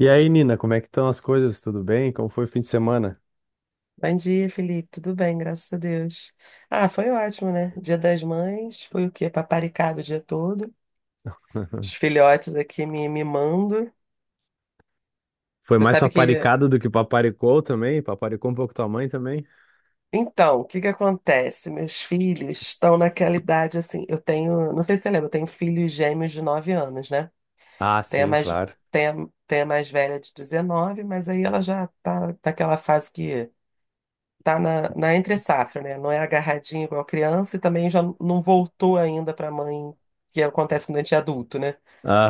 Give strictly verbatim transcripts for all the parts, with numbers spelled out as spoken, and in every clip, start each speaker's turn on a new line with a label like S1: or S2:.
S1: E aí, Nina, como é que estão as coisas? Tudo bem? Como foi o fim de semana?
S2: Bom dia, Felipe. Tudo bem, graças a Deus. Ah, foi ótimo, né? Dia das Mães, foi o quê? Paparicado o dia todo. Os filhotes aqui me mimando.
S1: Foi
S2: Você
S1: mais
S2: sabe que.
S1: paparicado do que paparicou também? Paparicou um pouco tua mãe também?
S2: Então, o que que acontece? Meus filhos estão naquela idade assim. Eu tenho. Não sei se você lembra, eu tenho filhos gêmeos de nove anos, né?
S1: Ah,
S2: Tem a
S1: sim,
S2: mais,
S1: claro.
S2: tem a, tem a mais velha de dezenove, mas aí ela já tá naquela fase que. tá na, na entre-safra, né? Não é agarradinho igual criança e também já não voltou ainda para a mãe, que acontece quando a gente é adulto, né?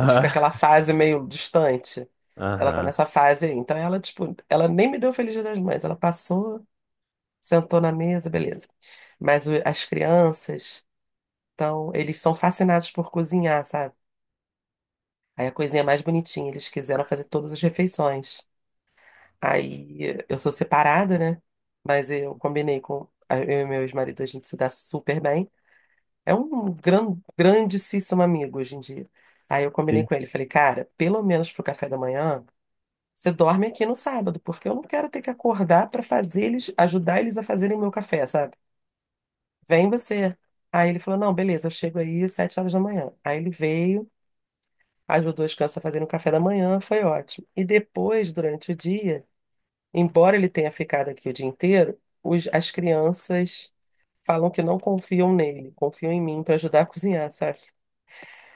S2: A gente fica aquela fase meio distante. Ela tá
S1: aham.
S2: nessa fase aí. Então ela, tipo, ela nem me deu Feliz Dia das Mães. Ela passou, sentou na mesa, beleza. Mas o- as crianças, então, eles são fascinados por cozinhar, sabe? Aí a coisinha mais bonitinha, eles quiseram fazer todas as refeições. Aí eu sou separada, né? Mas eu combinei com. Eu e meu ex-marido, a gente se dá super bem. É um gran, grandíssimo amigo hoje em dia. Aí eu combinei
S1: Sim.
S2: com ele, falei, cara, pelo menos pro café da manhã, você dorme aqui no sábado, porque eu não quero ter que acordar pra fazer eles, ajudar eles a fazerem o meu café, sabe? Vem você. Aí ele falou, não, beleza, eu chego aí às sete horas da manhã. Aí ele veio, ajudou as crianças a fazerem o café da manhã, foi ótimo. E depois, durante o dia, embora ele tenha ficado aqui o dia inteiro, os- as crianças falam que não confiam nele, confiam em mim para ajudar a cozinhar, sabe?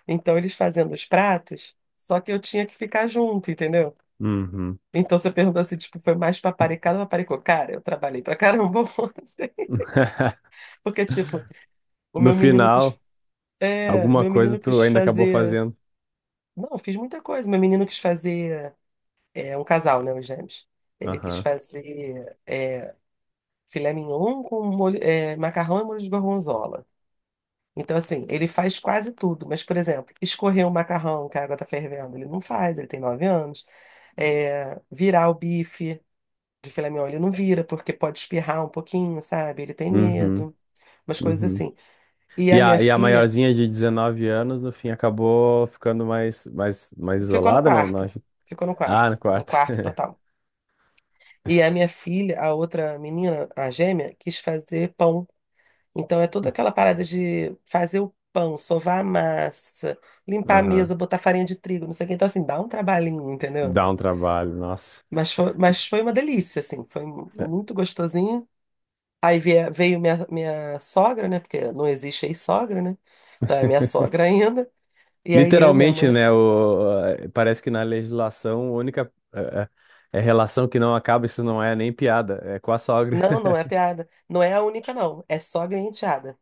S2: Então eles fazendo os pratos, só que eu tinha que ficar junto, entendeu?
S1: Uhum.
S2: Então você perguntou assim, tipo, foi mais paparicado ou paparicou? Cara, eu trabalhei pra caramba, ontem, porque, tipo, o
S1: No
S2: meu menino quis.
S1: final,
S2: É,
S1: alguma
S2: meu
S1: coisa
S2: menino
S1: tu
S2: quis
S1: ainda acabou
S2: fazer.
S1: fazendo.
S2: Não, eu fiz muita coisa. Meu menino quis fazer. É um casal, né, os gêmeos. Ele quis
S1: Aham.
S2: fazer. É, filé mignon com molho, é, macarrão e molho de gorgonzola. Então, assim, ele faz quase tudo, mas, por exemplo, escorrer o macarrão que a água tá fervendo, ele não faz, ele tem nove anos. É, virar o bife de filé mignon, ele não vira, porque pode espirrar um pouquinho, sabe? Ele tem
S1: Uhum.
S2: medo, umas coisas
S1: Uhum.
S2: assim. E
S1: E
S2: a minha
S1: a, e a
S2: filha
S1: maiorzinha de dezenove anos, no fim, acabou ficando mais, mais, mais
S2: ficou no
S1: isolada, não, não?
S2: quarto, ficou no
S1: Ah,
S2: quarto,
S1: no
S2: no
S1: quarto.
S2: quarto total. E a minha filha, a outra menina, a gêmea, quis fazer pão. Então é toda aquela parada de fazer o pão, sovar a massa, limpar a
S1: Aham.
S2: mesa, botar farinha de trigo, não sei o quê. Então, assim, dá um trabalhinho, entendeu?
S1: Dá um trabalho, nossa.
S2: Mas foi, mas foi uma delícia, assim, foi muito gostosinho. Aí veio, veio minha, minha sogra, né? Porque não existe ex-sogra, né? Então é minha sogra ainda. E aí eu, minha
S1: Literalmente,
S2: mãe.
S1: né? O, parece que na legislação a única eh, eh, relação que não acaba, isso não é nem piada, é com a sogra.
S2: Não, não é piada. Não é a única, não. É sogra e enteada.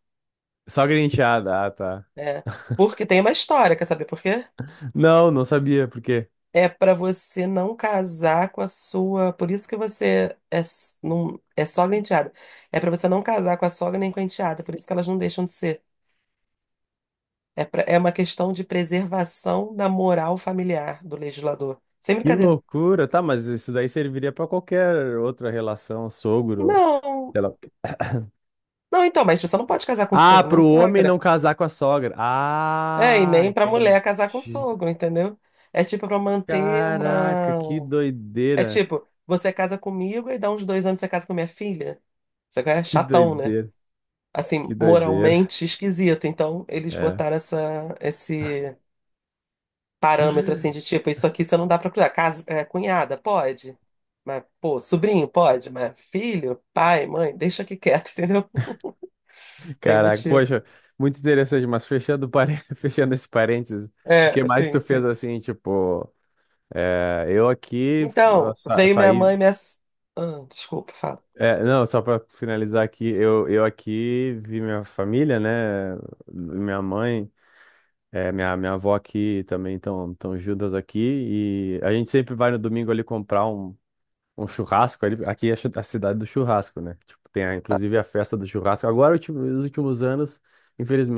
S1: Sogra e enteada, ah, tá.
S2: É. Porque tem uma história, quer saber por quê?
S1: Não, não sabia, por quê?
S2: É para você não casar com a sua. Por isso que você é, s- não, é sogra e enteada. É para você não casar com a sogra nem com a enteada. Por isso que elas não deixam de ser. É, pra- é uma questão de preservação da moral familiar do legislador. Sem
S1: Que
S2: brincadeira.
S1: loucura, tá, mas isso daí serviria pra qualquer outra relação, sogro,
S2: Não,
S1: sei lá. O quê.
S2: não, então, mas você não pode casar com
S1: Ah,
S2: sogro, nem
S1: pro homem não
S2: sogra.
S1: casar com a sogra.
S2: É, e
S1: Ah,
S2: nem para mulher casar com
S1: entendi.
S2: sogro, entendeu? É tipo para manter
S1: Caraca,
S2: uma.
S1: que
S2: É
S1: doideira.
S2: tipo, você casa comigo e dá uns dois anos você casa com minha filha. Você é
S1: Que
S2: chatão, né?
S1: doideira,
S2: Assim,
S1: que doideira.
S2: moralmente esquisito. Então, eles
S1: É.
S2: botaram essa, esse parâmetro, assim, de tipo, isso aqui você não dá pra cruzar. Casa, é, cunhada, pode. Mas, pô, sobrinho, pode. Mas filho, pai, mãe, deixa aqui quieto, entendeu? Tem
S1: Caraca,
S2: motivo.
S1: poxa, muito interessante, mas fechando, pare- fechando esse parênteses, o
S2: É,
S1: que mais
S2: assim,
S1: tu
S2: sim.
S1: fez assim, tipo, é, eu aqui f- ah,
S2: Então,
S1: sa-
S2: veio minha
S1: saí,
S2: mãe, e minha... s- Ah, desculpa, fala.
S1: é, não, só pra finalizar aqui, eu, eu aqui vi minha família, né, minha mãe, é, minha, minha avó aqui também, estão tão tão juntas aqui, e a gente sempre vai no domingo ali comprar um, um churrasco, ali, aqui é a chu- a cidade do churrasco, né, tipo, tem a- inclusive a festa do churrasco, agora, ultim- nos últimos anos,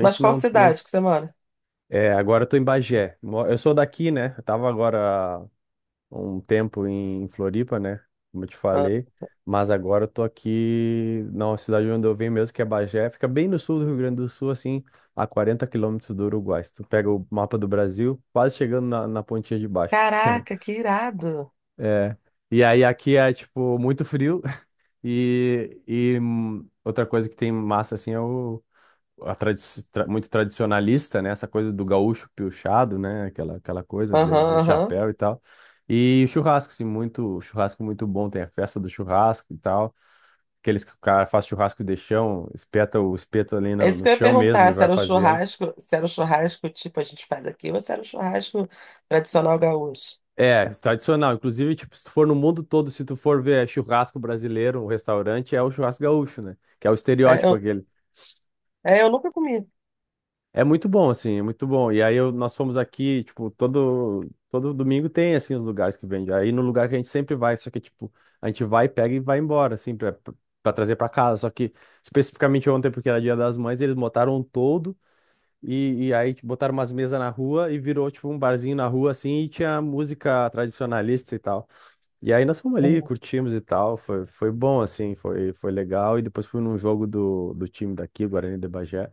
S2: Mas qual
S1: não.
S2: cidade que você mora?
S1: É, agora eu tô em Bagé. Mo- Eu sou daqui, né? Eu tava agora há um tempo em Floripa, né? Como eu te
S2: Ah,
S1: falei. Mas agora eu tô aqui na cidade onde eu venho mesmo, que é Bagé. Fica bem no sul do Rio Grande do Sul, assim, a quarenta quilômetros do Uruguai. Se tu pega o mapa do Brasil, quase chegando na, na pontinha de baixo.
S2: caraca, que irado.
S1: É. E aí aqui é, tipo, muito frio. E, e hum, outra coisa que tem massa, assim, é o a tradi- tra- muito tradicionalista, né? Essa coisa do gaúcho piochado, né? Aquela, aquela coisa de,
S2: Aham,
S1: de
S2: aham.
S1: chapéu e tal. E churrasco, assim, muito, churrasco muito bom. Tem a festa do churrasco e tal. Aqueles que o cara faz churrasco de chão, espeta o espeto ali
S2: É
S1: no,
S2: isso
S1: no
S2: que eu ia
S1: chão mesmo e
S2: perguntar, se
S1: vai
S2: era um
S1: fazendo.
S2: churrasco, se era um churrasco tipo a gente faz aqui, ou se era um churrasco tradicional gaúcho.
S1: É, tradicional. Inclusive, tipo, se tu for no mundo todo, se tu for ver churrasco brasileiro, um restaurante, é o churrasco gaúcho, né? Que é o
S2: É,
S1: estereótipo
S2: eu,
S1: aquele.
S2: é, eu nunca comi.
S1: É muito bom, assim, é muito bom. E aí eu- nós fomos aqui, tipo, todo, todo domingo tem, assim, os lugares que vende. Aí no lugar que a gente sempre vai, só que, tipo, a gente vai, pega e vai embora, assim, pra, pra trazer pra casa. Só que, especificamente ontem, porque era Dia das Mães, eles botaram um todo e, e aí tipo, botaram umas mesas na rua e virou, tipo, um barzinho na rua, assim, e tinha música tradicionalista e tal. E aí nós fomos ali,
S2: Uhum.
S1: curtimos e tal. Foi, foi bom, assim, foi, foi legal. E depois fui num jogo do, do time daqui, Guarani de Bagé.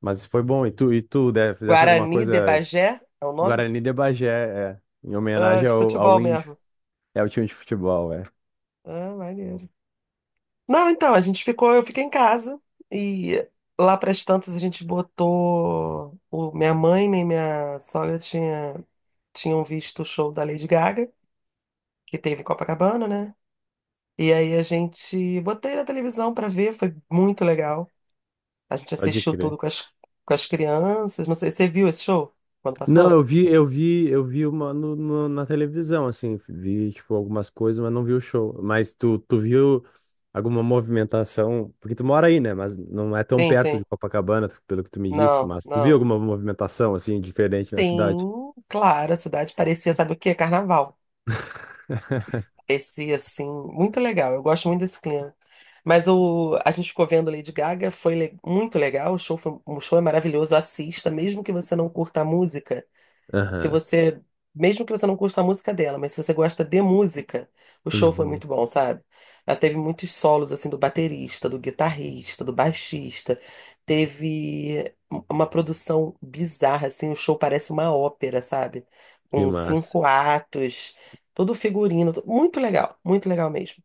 S1: Mas foi bom. E tu, e tu, né, fizesse alguma
S2: Guarani de
S1: coisa.
S2: Bagé é o nome?
S1: Guarani de Bagé, é, em
S2: Ah,
S1: homenagem
S2: de
S1: ao,
S2: futebol
S1: ao índio.
S2: mesmo.
S1: É o time de futebol, é.
S2: Ah, maneiro. Não, então, a gente ficou, eu fiquei em casa e lá para as tantas a gente botou o, minha mãe nem minha sogra tinha, tinham visto o show da Lady Gaga, que teve em Copacabana, né? E aí a gente botei na televisão para ver, foi muito legal. A gente
S1: Pode
S2: assistiu
S1: crer.
S2: tudo com as, com as crianças. Não sei, você viu esse show quando
S1: Não,
S2: passou?
S1: eu vi, eu vi, eu vi uma no, no- na televisão, assim, vi, tipo, algumas coisas, mas não vi o show. Mas tu, tu viu alguma movimentação? Porque tu mora aí, né? Mas não é tão
S2: Sim,
S1: perto
S2: sim.
S1: de Copacabana, tu- pelo que tu me disse,
S2: Não,
S1: mas tu viu
S2: não.
S1: alguma movimentação, assim, diferente na cidade?
S2: Sim, claro, a cidade parecia, sabe o quê? Carnaval. Parecia, assim, muito legal. Eu gosto muito desse clima. Mas o, a gente ficou vendo Lady Gaga, foi le- muito legal. O show, foi, o show é maravilhoso. Assista, mesmo que você não curta a música. Se
S1: Aham.
S2: você, mesmo que você não curta a música dela, mas se você gosta de música, o show foi
S1: Uhum.
S2: muito bom, sabe? Ela teve muitos solos assim do baterista, do guitarrista, do baixista. Teve um, uma produção bizarra assim, o show parece uma ópera, sabe?
S1: Que
S2: Com
S1: massa.
S2: cinco atos, todo figurino, to- muito legal, muito legal mesmo.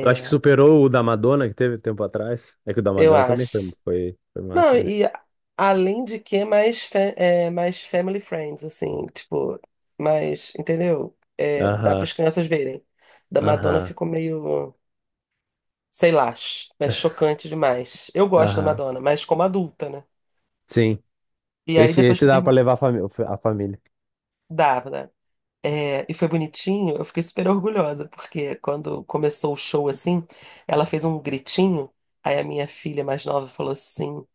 S1: Eu acho que superou o da Madonna que teve tempo atrás. É que o da
S2: eu
S1: Madonna também foi,
S2: acho.
S1: foi, foi
S2: Não,
S1: massa, né?
S2: e a- além de que é mais, fa- é, mais family friends, assim, tipo, mais, entendeu? É, dá para
S1: Aham,
S2: as crianças verem. Da Madonna
S1: aham,
S2: ficou meio, sei lá, ch- é chocante demais. Eu gosto da
S1: aham.
S2: Madonna, mas como adulta, né?
S1: Sim.
S2: E aí
S1: Esse,
S2: depois
S1: esse
S2: que
S1: dá pra
S2: termina,
S1: levar a, fami- a família.
S2: dava, né? É, e foi bonitinho, eu fiquei super orgulhosa, porque quando começou o show assim, ela fez um gritinho, aí a minha filha mais nova falou assim: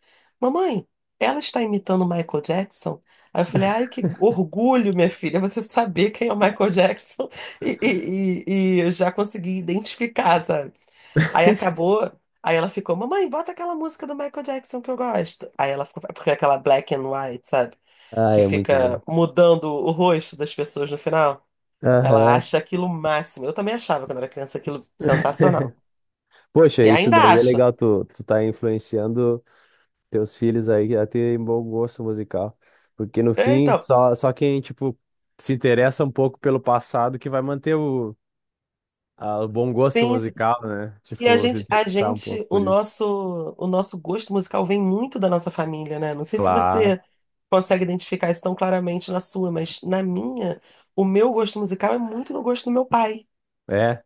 S2: Mamãe, ela está imitando o Michael Jackson? Aí eu falei: Ai, que orgulho, minha filha, você saber quem é o Michael Jackson e, e, e, e eu já consegui identificar, sabe? Aí acabou. Aí ela ficou, mamãe, bota aquela música do Michael Jackson que eu gosto. Aí ela ficou, porque é aquela black and white, sabe?
S1: Ah,
S2: Que
S1: é muito bom.
S2: fica mudando o rosto das pessoas no final. Ela
S1: Aham.
S2: acha aquilo o máximo. Eu também achava quando era criança aquilo sensacional.
S1: Poxa,
S2: E
S1: isso
S2: ainda
S1: daí é
S2: acho.
S1: legal, tu, tu tá influenciando teus filhos aí a terem bom gosto musical. Porque no
S2: É,
S1: fim,
S2: então,
S1: só, só quem, tipo, se interessa um pouco pelo passado que vai manter o, a- o bom gosto
S2: sim, sim.
S1: musical, né?
S2: E a
S1: Tipo, se
S2: gente, a
S1: interessar um pouco
S2: gente, o
S1: por isso.
S2: nosso, o nosso gosto musical vem muito da nossa família, né? Não sei se
S1: Claro,
S2: você consegue identificar isso tão claramente na sua, mas na minha, o meu gosto musical é muito no gosto do meu pai,
S1: é,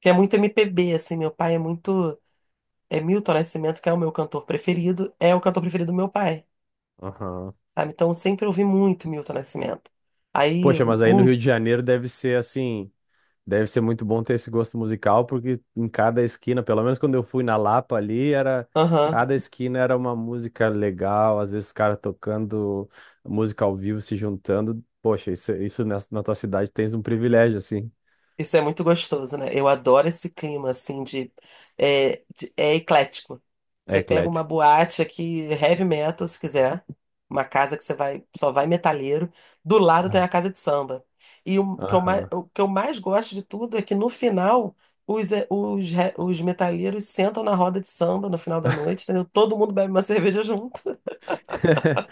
S2: que é muito M P B, assim. Meu pai é muito, é Milton Nascimento, que é o meu cantor preferido, é o cantor preferido do meu pai,
S1: aham.
S2: sabe? Então, eu sempre ouvi muito Milton Nascimento. Aí,
S1: Poxa, mas aí no
S2: muito.
S1: Rio de Janeiro deve ser assim, deve ser muito bom ter esse gosto musical, porque em cada esquina, pelo menos quando eu fui na Lapa ali, era
S2: Aham.
S1: cada esquina era uma música legal, às vezes os caras tocando música ao vivo, se juntando. Poxa, isso, isso nessa- na tua cidade tens um privilégio assim,
S2: Isso é muito gostoso, né? Eu adoro esse clima, assim, de... É, de- é eclético.
S1: é
S2: Você pega uma
S1: eclético.
S2: boate aqui, heavy metal, se quiser. Uma casa que você vai, só vai metaleiro. Do lado tem
S1: Ah.
S2: a casa de samba. E o que eu mais,
S1: Aham.
S2: o que eu mais gosto de tudo é que no final, os, é, os, re- os metaleiros sentam na roda de samba no final da noite, entendeu? Todo mundo bebe uma cerveja junto.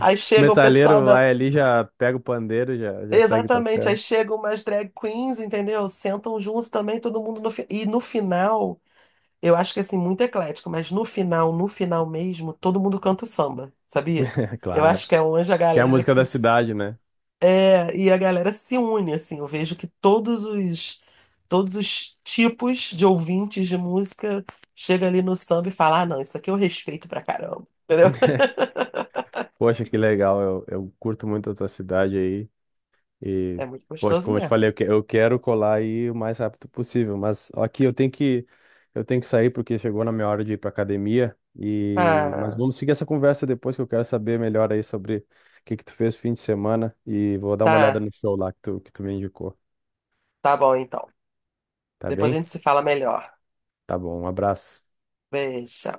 S2: Aí
S1: O
S2: chega o pessoal
S1: Metaleiro
S2: da,
S1: vai ali, já pega o pandeiro, já, já segue
S2: exatamente, aí
S1: tocando.
S2: chegam umas drag queens, entendeu? Sentam junto também, todo mundo no fi- e no final eu acho que assim, muito eclético, mas no final, no final mesmo, todo mundo canta o samba, sabia? Eu acho
S1: Claro.
S2: que é onde a
S1: Que é a
S2: galera
S1: música
S2: que
S1: da
S2: s-
S1: cidade, né?
S2: é, e a galera se une assim. Eu vejo que todos os todos os tipos de ouvintes de música chega ali no samba e fala: "Ah, não, isso aqui eu respeito pra caramba". Entendeu?
S1: Poxa, que legal. Eu, eu curto muito a tua cidade aí. E,
S2: É muito
S1: poxa,
S2: gostoso
S1: como eu te
S2: mesmo.
S1: falei, eu, que- eu quero colar aí o mais rápido possível. Mas aqui eu tenho que, eu tenho que sair porque chegou na minha hora de ir pra academia. E, mas
S2: Ah,
S1: vamos seguir essa conversa depois que eu quero saber melhor aí sobre o que que tu fez no fim de semana. E vou dar uma olhada
S2: tá,
S1: no show lá que tu, que tu me indicou.
S2: tá bom então.
S1: Tá
S2: Depois a
S1: bem?
S2: gente se fala melhor.
S1: Tá bom. Um abraço.
S2: Beijo.